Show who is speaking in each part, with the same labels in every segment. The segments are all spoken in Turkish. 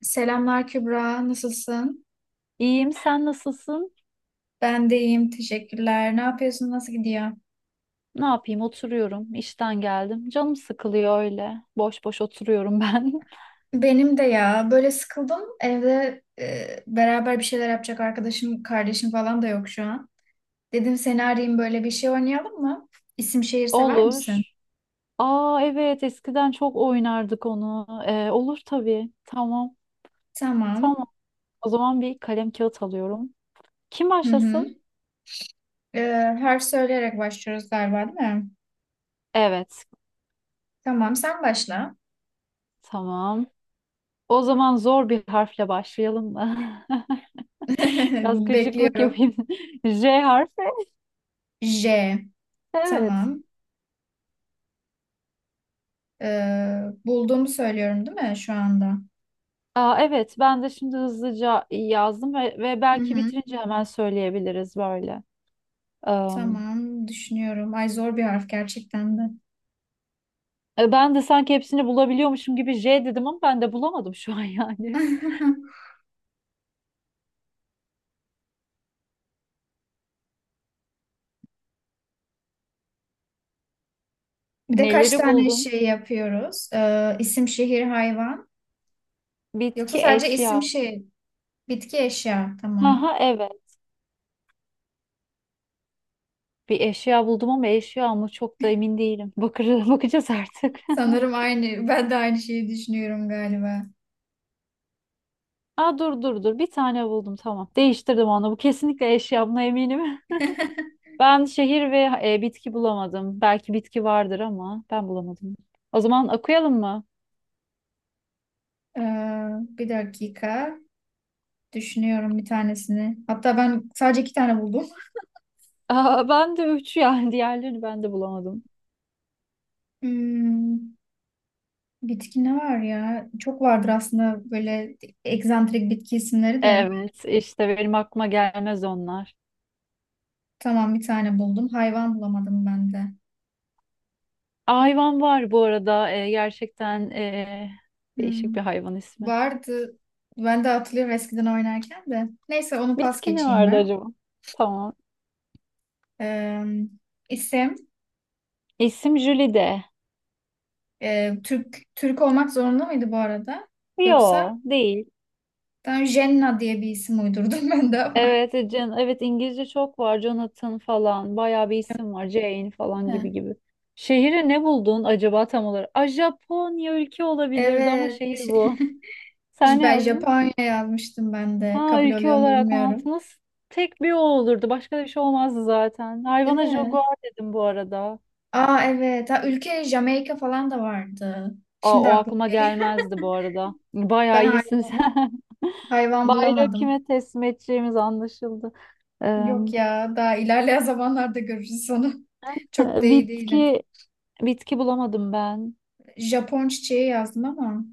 Speaker 1: Selamlar Kübra, nasılsın?
Speaker 2: İyiyim, sen nasılsın?
Speaker 1: Ben de iyiyim, teşekkürler. Ne yapıyorsun, nasıl gidiyor?
Speaker 2: Ne yapayım, oturuyorum. İşten geldim. Canım sıkılıyor öyle. Boş boş oturuyorum ben.
Speaker 1: Benim de ya, böyle sıkıldım. Evde beraber bir şeyler yapacak arkadaşım, kardeşim falan da yok şu an. Dedim seni arayayım, böyle bir şey oynayalım mı? İsim şehir sever
Speaker 2: Olur.
Speaker 1: misin?
Speaker 2: Aa evet, eskiden çok oynardık onu. Olur tabii. Tamam,
Speaker 1: Tamam.
Speaker 2: tamam. O zaman bir kalem kağıt alıyorum. Kim
Speaker 1: Hı hı.
Speaker 2: başlasın?
Speaker 1: E, Harf söyleyerek başlıyoruz galiba, değil mi?
Speaker 2: Evet,
Speaker 1: Tamam, sen başla.
Speaker 2: tamam. O zaman zor bir harfle başlayalım mı? Biraz gıcıklık
Speaker 1: Bekliyorum.
Speaker 2: yapayım. J harfi.
Speaker 1: J.
Speaker 2: Evet.
Speaker 1: Tamam. E, Bulduğumu söylüyorum, değil mi şu anda?
Speaker 2: Aa, evet ben de şimdi hızlıca yazdım ve
Speaker 1: Hı
Speaker 2: belki
Speaker 1: hı.
Speaker 2: bitirince hemen söyleyebiliriz böyle. Am,
Speaker 1: Tamam, düşünüyorum. Ay, zor bir harf gerçekten de.
Speaker 2: Ben de sanki hepsini bulabiliyormuşum gibi J dedim ama ben de bulamadım şu an yani.
Speaker 1: Bir de kaç
Speaker 2: Neleri
Speaker 1: tane
Speaker 2: buldun?
Speaker 1: şey yapıyoruz? İsim, şehir, hayvan. Yoksa
Speaker 2: Bitki,
Speaker 1: sadece isim,
Speaker 2: eşya.
Speaker 1: şehir, bitki, eşya. Tamam.
Speaker 2: Aha evet. Bir eşya buldum ama eşya mı çok da emin değilim. Bakır, bakacağız artık.
Speaker 1: Sanırım aynı. Ben de aynı şeyi düşünüyorum galiba.
Speaker 2: Aa, dur bir tane buldum, tamam. Değiştirdim onu. Bu kesinlikle eşya, buna eminim. Ben şehir ve bitki bulamadım. Belki bitki vardır ama ben bulamadım. O zaman okuyalım mı?
Speaker 1: Ee, Bir dakika. Düşünüyorum bir tanesini. Hatta ben sadece iki tane buldum.
Speaker 2: Aa, ben de üç yani, diğerlerini ben de bulamadım.
Speaker 1: Hmm, bitki ne var ya? Çok vardır aslında böyle egzantrik bitki isimleri de.
Speaker 2: Evet işte benim aklıma gelmez onlar.
Speaker 1: Tamam, bir tane buldum. Hayvan bulamadım ben de.
Speaker 2: Hayvan var bu arada gerçekten değişik
Speaker 1: Hmm,
Speaker 2: bir hayvan ismi.
Speaker 1: vardı. Ben de hatırlıyorum eskiden oynarken de. Neyse, onu pas
Speaker 2: Bitki ne
Speaker 1: geçeyim
Speaker 2: vardı
Speaker 1: ben.
Speaker 2: acaba? Tamam.
Speaker 1: Ee, isim
Speaker 2: İsim Jülide.
Speaker 1: Türk Türk olmak zorunda mıydı bu arada?
Speaker 2: Yo,
Speaker 1: Yoksa
Speaker 2: değil.
Speaker 1: ben Jenna diye bir isim uydurdum ben de ama.
Speaker 2: Evet, evet İngilizce çok var. Jonathan falan bayağı bir isim var. Jane falan gibi
Speaker 1: He.
Speaker 2: gibi. Şehri ne buldun acaba tam olarak? A, Japonya ülke olabilirdi ama
Speaker 1: Evet.
Speaker 2: şehir
Speaker 1: Şey,
Speaker 2: bu. Sen ne
Speaker 1: ben
Speaker 2: yazdın?
Speaker 1: Japonya yazmıştım ben de.
Speaker 2: Ha,
Speaker 1: Kabul
Speaker 2: ülke
Speaker 1: oluyor mu
Speaker 2: olarak mantı
Speaker 1: bilmiyorum.
Speaker 2: nasıl? Tek bir o olurdu. Başka da bir şey olmazdı zaten.
Speaker 1: Değil
Speaker 2: Hayvana
Speaker 1: mi?
Speaker 2: jaguar dedim bu arada.
Speaker 1: Aa, evet. Ha, ülke Jamaika falan da vardı.
Speaker 2: Aa,
Speaker 1: Şimdi
Speaker 2: o
Speaker 1: aklıma
Speaker 2: aklıma
Speaker 1: geliyor.
Speaker 2: gelmezdi bu arada.
Speaker 1: Ben
Speaker 2: Bayağı
Speaker 1: hay-
Speaker 2: iyisin sen.
Speaker 1: Hayvan
Speaker 2: Bayrağı
Speaker 1: bulamadım.
Speaker 2: kime teslim edeceğimiz anlaşıldı. Eee,
Speaker 1: Yok ya, daha ilerleyen zamanlarda görürüz onu. Çok da iyi değilim.
Speaker 2: bitki bitki bulamadım ben.
Speaker 1: Japon çiçeği yazdım ama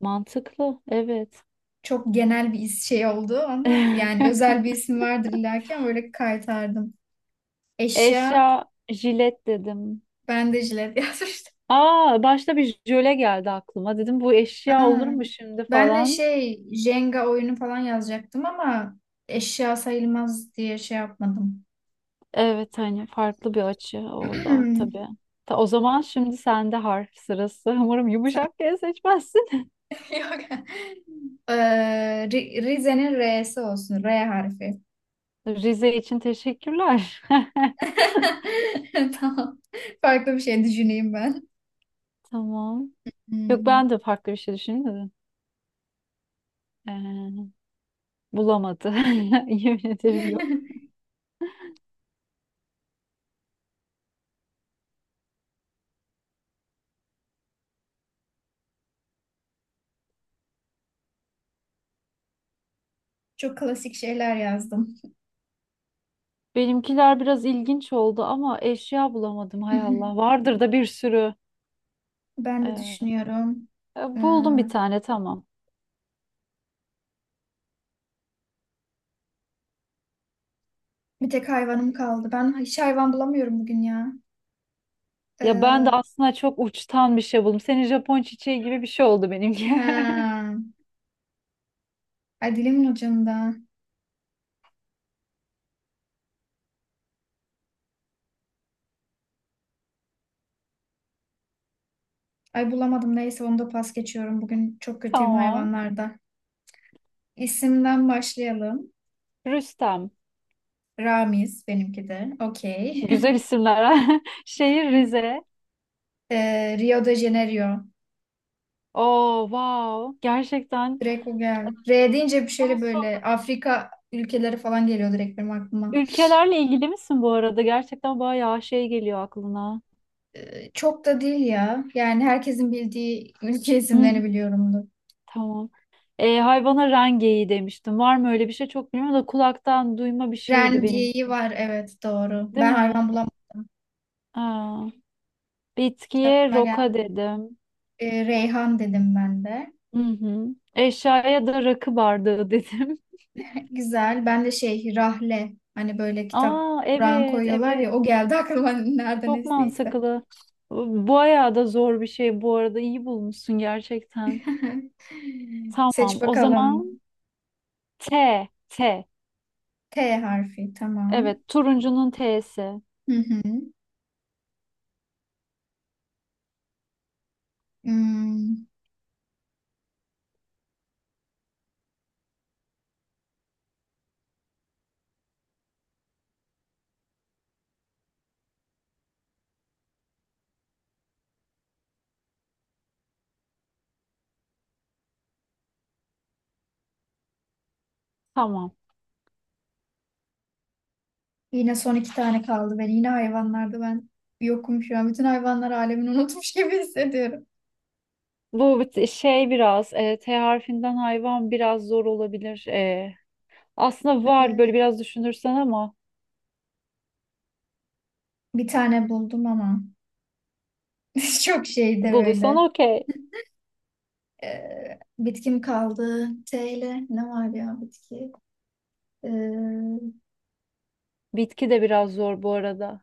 Speaker 2: Mantıklı. Evet.
Speaker 1: çok genel bir is- şey oldu ama yani özel bir isim vardır illaki ama böyle kaytardım. Eşya,
Speaker 2: Eşya jilet dedim.
Speaker 1: ben de jilet yazmıştım.
Speaker 2: Aa, başta bir jöle geldi aklıma. Dedim bu eşya
Speaker 1: Aa,
Speaker 2: olur mu şimdi
Speaker 1: ben de
Speaker 2: falan.
Speaker 1: şey Jenga oyunu falan yazacaktım ama eşya sayılmaz diye şey yapmadım.
Speaker 2: Evet hani farklı bir açı o da tabii. Ta, o zaman şimdi sende harf sırası. Umarım
Speaker 1: Sen-
Speaker 2: yumuşak G seçmezsin.
Speaker 1: Yok. Ee, Rize'nin R'si olsun. R harfi.
Speaker 2: Rize için teşekkürler.
Speaker 1: Tamam. Farklı bir şey düşüneyim ben.
Speaker 2: Tamam. Yok,
Speaker 1: Hmm.
Speaker 2: ben de farklı bir şey düşündüm. Ee, Bulamadı. Yemin ederim yok.
Speaker 1: Çok klasik şeyler yazdım.
Speaker 2: Benimkiler biraz ilginç oldu ama eşya bulamadım hay Allah. Vardır da bir sürü.
Speaker 1: Ben de
Speaker 2: Ee,
Speaker 1: düşünüyorum. Ee,
Speaker 2: Buldum bir tane, tamam.
Speaker 1: Bir tek hayvanım kaldı. Ben hiç hayvan bulamıyorum bugün ya.
Speaker 2: Ya ben de
Speaker 1: Ee,
Speaker 2: aslında çok uçtan bir şey buldum. Senin Japon çiçeği gibi bir şey oldu benimki.
Speaker 1: ha. Ay, dilimin ucunda. Ay, bulamadım, neyse onu da pas geçiyorum. Bugün çok kötüyüm
Speaker 2: Tamam.
Speaker 1: hayvanlarda. İsimden başlayalım.
Speaker 2: Rüstem.
Speaker 1: Ramiz benimki de. Okey.
Speaker 2: Güzel isimler. Ha. Şehir Rize.
Speaker 1: Rio de Janeiro.
Speaker 2: Oo wow. Gerçekten.
Speaker 1: Direkt o geldi.
Speaker 2: e,
Speaker 1: R deyince bir
Speaker 2: Bunun
Speaker 1: şeyle
Speaker 2: sonu-
Speaker 1: böyle Afrika ülkeleri falan geliyor direkt benim aklıma.
Speaker 2: ülkelerle ilgili misin bu arada? Gerçekten bayağı şey geliyor aklına.
Speaker 1: Çok da değil ya. Yani herkesin bildiği ülke
Speaker 2: Hı hı.
Speaker 1: isimlerini biliyorumdur.
Speaker 2: Tamam. E, hayvana rengeyi demiştim. Var mı öyle bir şey çok bilmiyorum da kulaktan duyma bir şeydi benim.
Speaker 1: Rengeyi var, evet doğru.
Speaker 2: Değil
Speaker 1: Ben
Speaker 2: mi?
Speaker 1: hayvan bulamadım.
Speaker 2: Aa, bitkiye
Speaker 1: Aklıma
Speaker 2: roka
Speaker 1: geldi.
Speaker 2: dedim.
Speaker 1: Reyhan dedim ben de.
Speaker 2: Hı hı. Eşyaya da rakı bardağı dedim.
Speaker 1: Güzel. Ben de şey, Rahle. Hani böyle kitap
Speaker 2: Aa
Speaker 1: Kur'an
Speaker 2: evet
Speaker 1: koyuyorlar ya.
Speaker 2: evet.
Speaker 1: O geldi aklıma nereden
Speaker 2: Çok
Speaker 1: estiyse.
Speaker 2: mantıklı. Bu bayağı da zor bir şey bu arada. İyi bulmuşsun gerçekten. Tamam
Speaker 1: Seç
Speaker 2: o
Speaker 1: bakalım.
Speaker 2: zaman T. T.
Speaker 1: T harfi, tamam.
Speaker 2: Evet, turuncunun T'si.
Speaker 1: Hı hı. Hmm.
Speaker 2: Tamam.
Speaker 1: Yine son iki tane kaldı. Ben yine hayvanlarda yokum şu an. Bütün hayvanlar alemini unutmuş gibi hissediyorum.
Speaker 2: Bu bit- şey biraz e, T harfinden hayvan biraz zor olabilir. E, aslında var
Speaker 1: Evet.
Speaker 2: böyle biraz düşünürsen ama
Speaker 1: Bir tane buldum ama çok şeyde
Speaker 2: bulduysan
Speaker 1: böyle.
Speaker 2: okey.
Speaker 1: Bitkim kaldı. T ile ne var ya bitki? Ee,
Speaker 2: Bitki de biraz zor bu arada.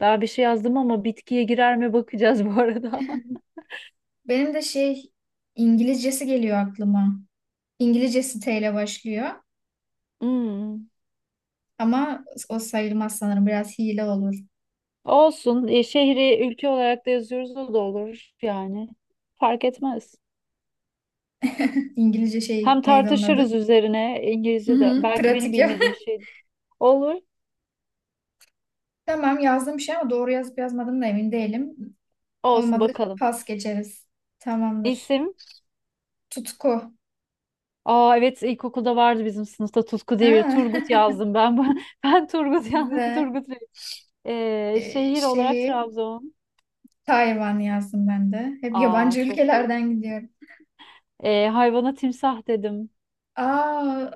Speaker 2: Ben bir şey yazdım ama bitkiye girer mi bakacağız bu arada.
Speaker 1: Benim de şey, İngilizcesi geliyor aklıma. İngilizcesi T ile başlıyor.
Speaker 2: Hmm.
Speaker 1: Ama o sayılmaz sanırım. Biraz hile olur.
Speaker 2: Olsun. E, şehri ülke olarak da yazıyoruz, o da olur yani. Fark etmez.
Speaker 1: İngilizce şey
Speaker 2: Hem
Speaker 1: neydi onun adı?
Speaker 2: tartışırız üzerine,
Speaker 1: Hı
Speaker 2: İngilizce de,
Speaker 1: hı,
Speaker 2: belki benim
Speaker 1: pratik ya.
Speaker 2: bilmediğim şeydi. Olur.
Speaker 1: Tamam, yazdım bir şey ama doğru yazıp yazmadım da emin değilim.
Speaker 2: Olsun
Speaker 1: Olmadı
Speaker 2: bakalım.
Speaker 1: pas geçeriz. Tamamdır.
Speaker 2: İsim?
Speaker 1: Tutku.
Speaker 2: Aa evet ilkokulda vardı bizim sınıfta Tutku
Speaker 1: Ha,
Speaker 2: diye bir Turgut yazdım ben. Ben Turgut yazdım.
Speaker 1: güzel.
Speaker 2: Turgut Bey. Şehir olarak
Speaker 1: Şeyi
Speaker 2: Trabzon.
Speaker 1: Tayvan yazdım ben de. Hep
Speaker 2: Aa
Speaker 1: yabancı
Speaker 2: çok iyi.
Speaker 1: ülkelerden gidiyorum.
Speaker 2: Hayvana timsah dedim.
Speaker 1: Aa,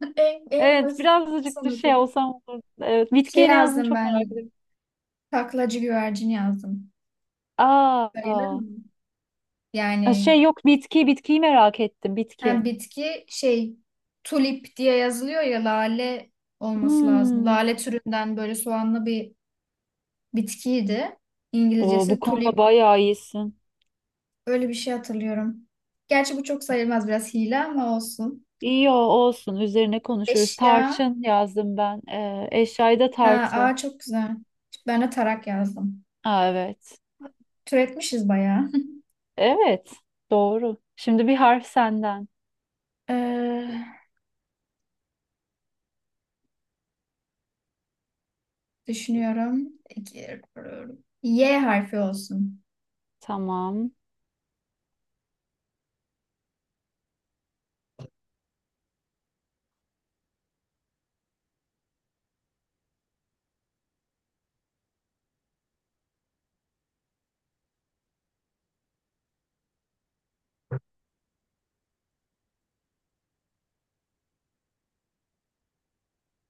Speaker 1: en
Speaker 2: Evet
Speaker 1: basit
Speaker 2: birazcık da şey
Speaker 1: sanatırım.
Speaker 2: olsam olur. Evet,
Speaker 1: Şey
Speaker 2: bitkiye ne yazdın
Speaker 1: yazdım
Speaker 2: çok merak
Speaker 1: ben.
Speaker 2: ediyorum.
Speaker 1: Taklacı güvercin yazdım. Sayılır
Speaker 2: Aa,
Speaker 1: mı?
Speaker 2: aa.
Speaker 1: Yani
Speaker 2: Şey, yok bitki, bitkiyi merak ettim.
Speaker 1: hem bitki, şey, tulip diye yazılıyor ya, lale olması lazım.
Speaker 2: Hmm.
Speaker 1: Lale türünden böyle soğanlı bir bitkiydi.
Speaker 2: Oo, bu
Speaker 1: İngilizcesi
Speaker 2: konuda
Speaker 1: tulip.
Speaker 2: bayağı iyisin.
Speaker 1: Öyle bir şey hatırlıyorum. Gerçi bu çok sayılmaz, biraz hile ama olsun.
Speaker 2: Olsun, üzerine konuşuruz.
Speaker 1: Eşya.
Speaker 2: Tarçın yazdım ben. Eşyayı da
Speaker 1: Ha,
Speaker 2: tartı.
Speaker 1: aa çok güzel. Ben de tarak yazdım.
Speaker 2: Aa, evet.
Speaker 1: Türetmişiz bayağı.
Speaker 2: Evet doğru. Şimdi bir harf senden.
Speaker 1: Ee, Düşünüyorum. İki, Y harfi olsun.
Speaker 2: Tamam.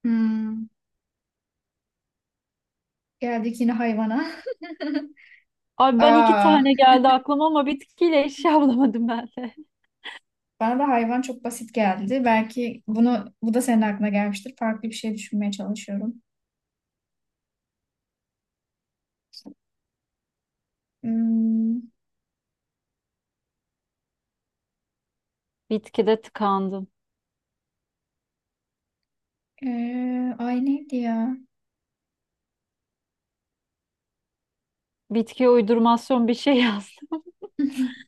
Speaker 1: Hmm, geldik yine hayvana.
Speaker 2: Abi ben iki
Speaker 1: Aa,
Speaker 2: tane geldi aklıma ama bitkiyle eşya bulamadım ben de.
Speaker 1: bana da hayvan çok basit geldi. Belki bunu bu da senin aklına gelmiştir. Farklı bir şey düşünmeye çalışıyorum. Hmm,
Speaker 2: Bitkide tıkandım.
Speaker 1: ay neydi ya?
Speaker 2: Bitkiye uydurmasyon bir şey yazdım.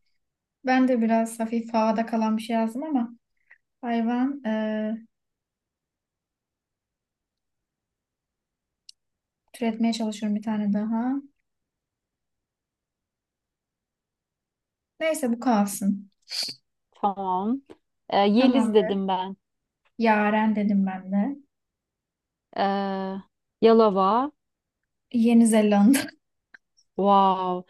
Speaker 1: Ben de biraz hafif havada kalan bir şey yazdım ama hayvan, türetmeye çalışıyorum bir tane daha. Neyse, bu kalsın.
Speaker 2: Tamam. Yeliz
Speaker 1: Tamamdır.
Speaker 2: dedim ben.
Speaker 1: Yaren dedim ben de.
Speaker 2: Ee, Yalava.
Speaker 1: Yeni Zelanda.
Speaker 2: Wow.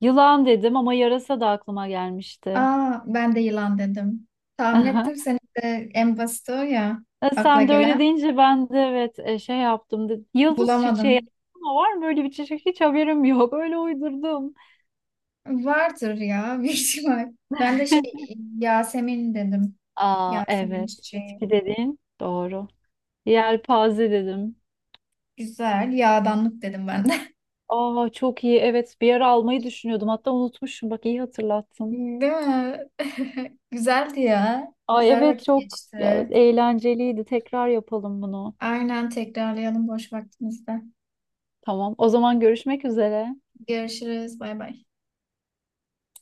Speaker 2: Yılan dedim ama yarasa da aklıma gelmişti.
Speaker 1: Aa, ben de yılan dedim. Tahmin ettim senin de en basit o ya,
Speaker 2: E,
Speaker 1: akla
Speaker 2: sen de öyle
Speaker 1: gelen.
Speaker 2: deyince ben de evet şey yaptım dedim. Yıldız çiçeği
Speaker 1: Bulamadım.
Speaker 2: ama var mı öyle bir çiçek? Hiç haberim yok. Öyle uydurdum.
Speaker 1: Vardır ya bir ihtimal. Ben de şey, Yasemin dedim.
Speaker 2: Aa
Speaker 1: Yasemin
Speaker 2: evet.
Speaker 1: çiçeği.
Speaker 2: Bitki dedin. Doğru. Yelpaze dedim.
Speaker 1: Güzel. Yağdanlık dedim ben de.
Speaker 2: Aa çok iyi. Evet bir ara almayı düşünüyordum. Hatta unutmuşum. Bak iyi hatırlattın.
Speaker 1: Değil mi? Güzeldi ya.
Speaker 2: Ay
Speaker 1: Güzel
Speaker 2: evet
Speaker 1: vakit
Speaker 2: çok ya,
Speaker 1: geçti.
Speaker 2: eğlenceliydi. Tekrar yapalım bunu.
Speaker 1: Aynen, tekrarlayalım boş vaktimizde.
Speaker 2: Tamam. O zaman görüşmek üzere.
Speaker 1: Görüşürüz. Bay bay.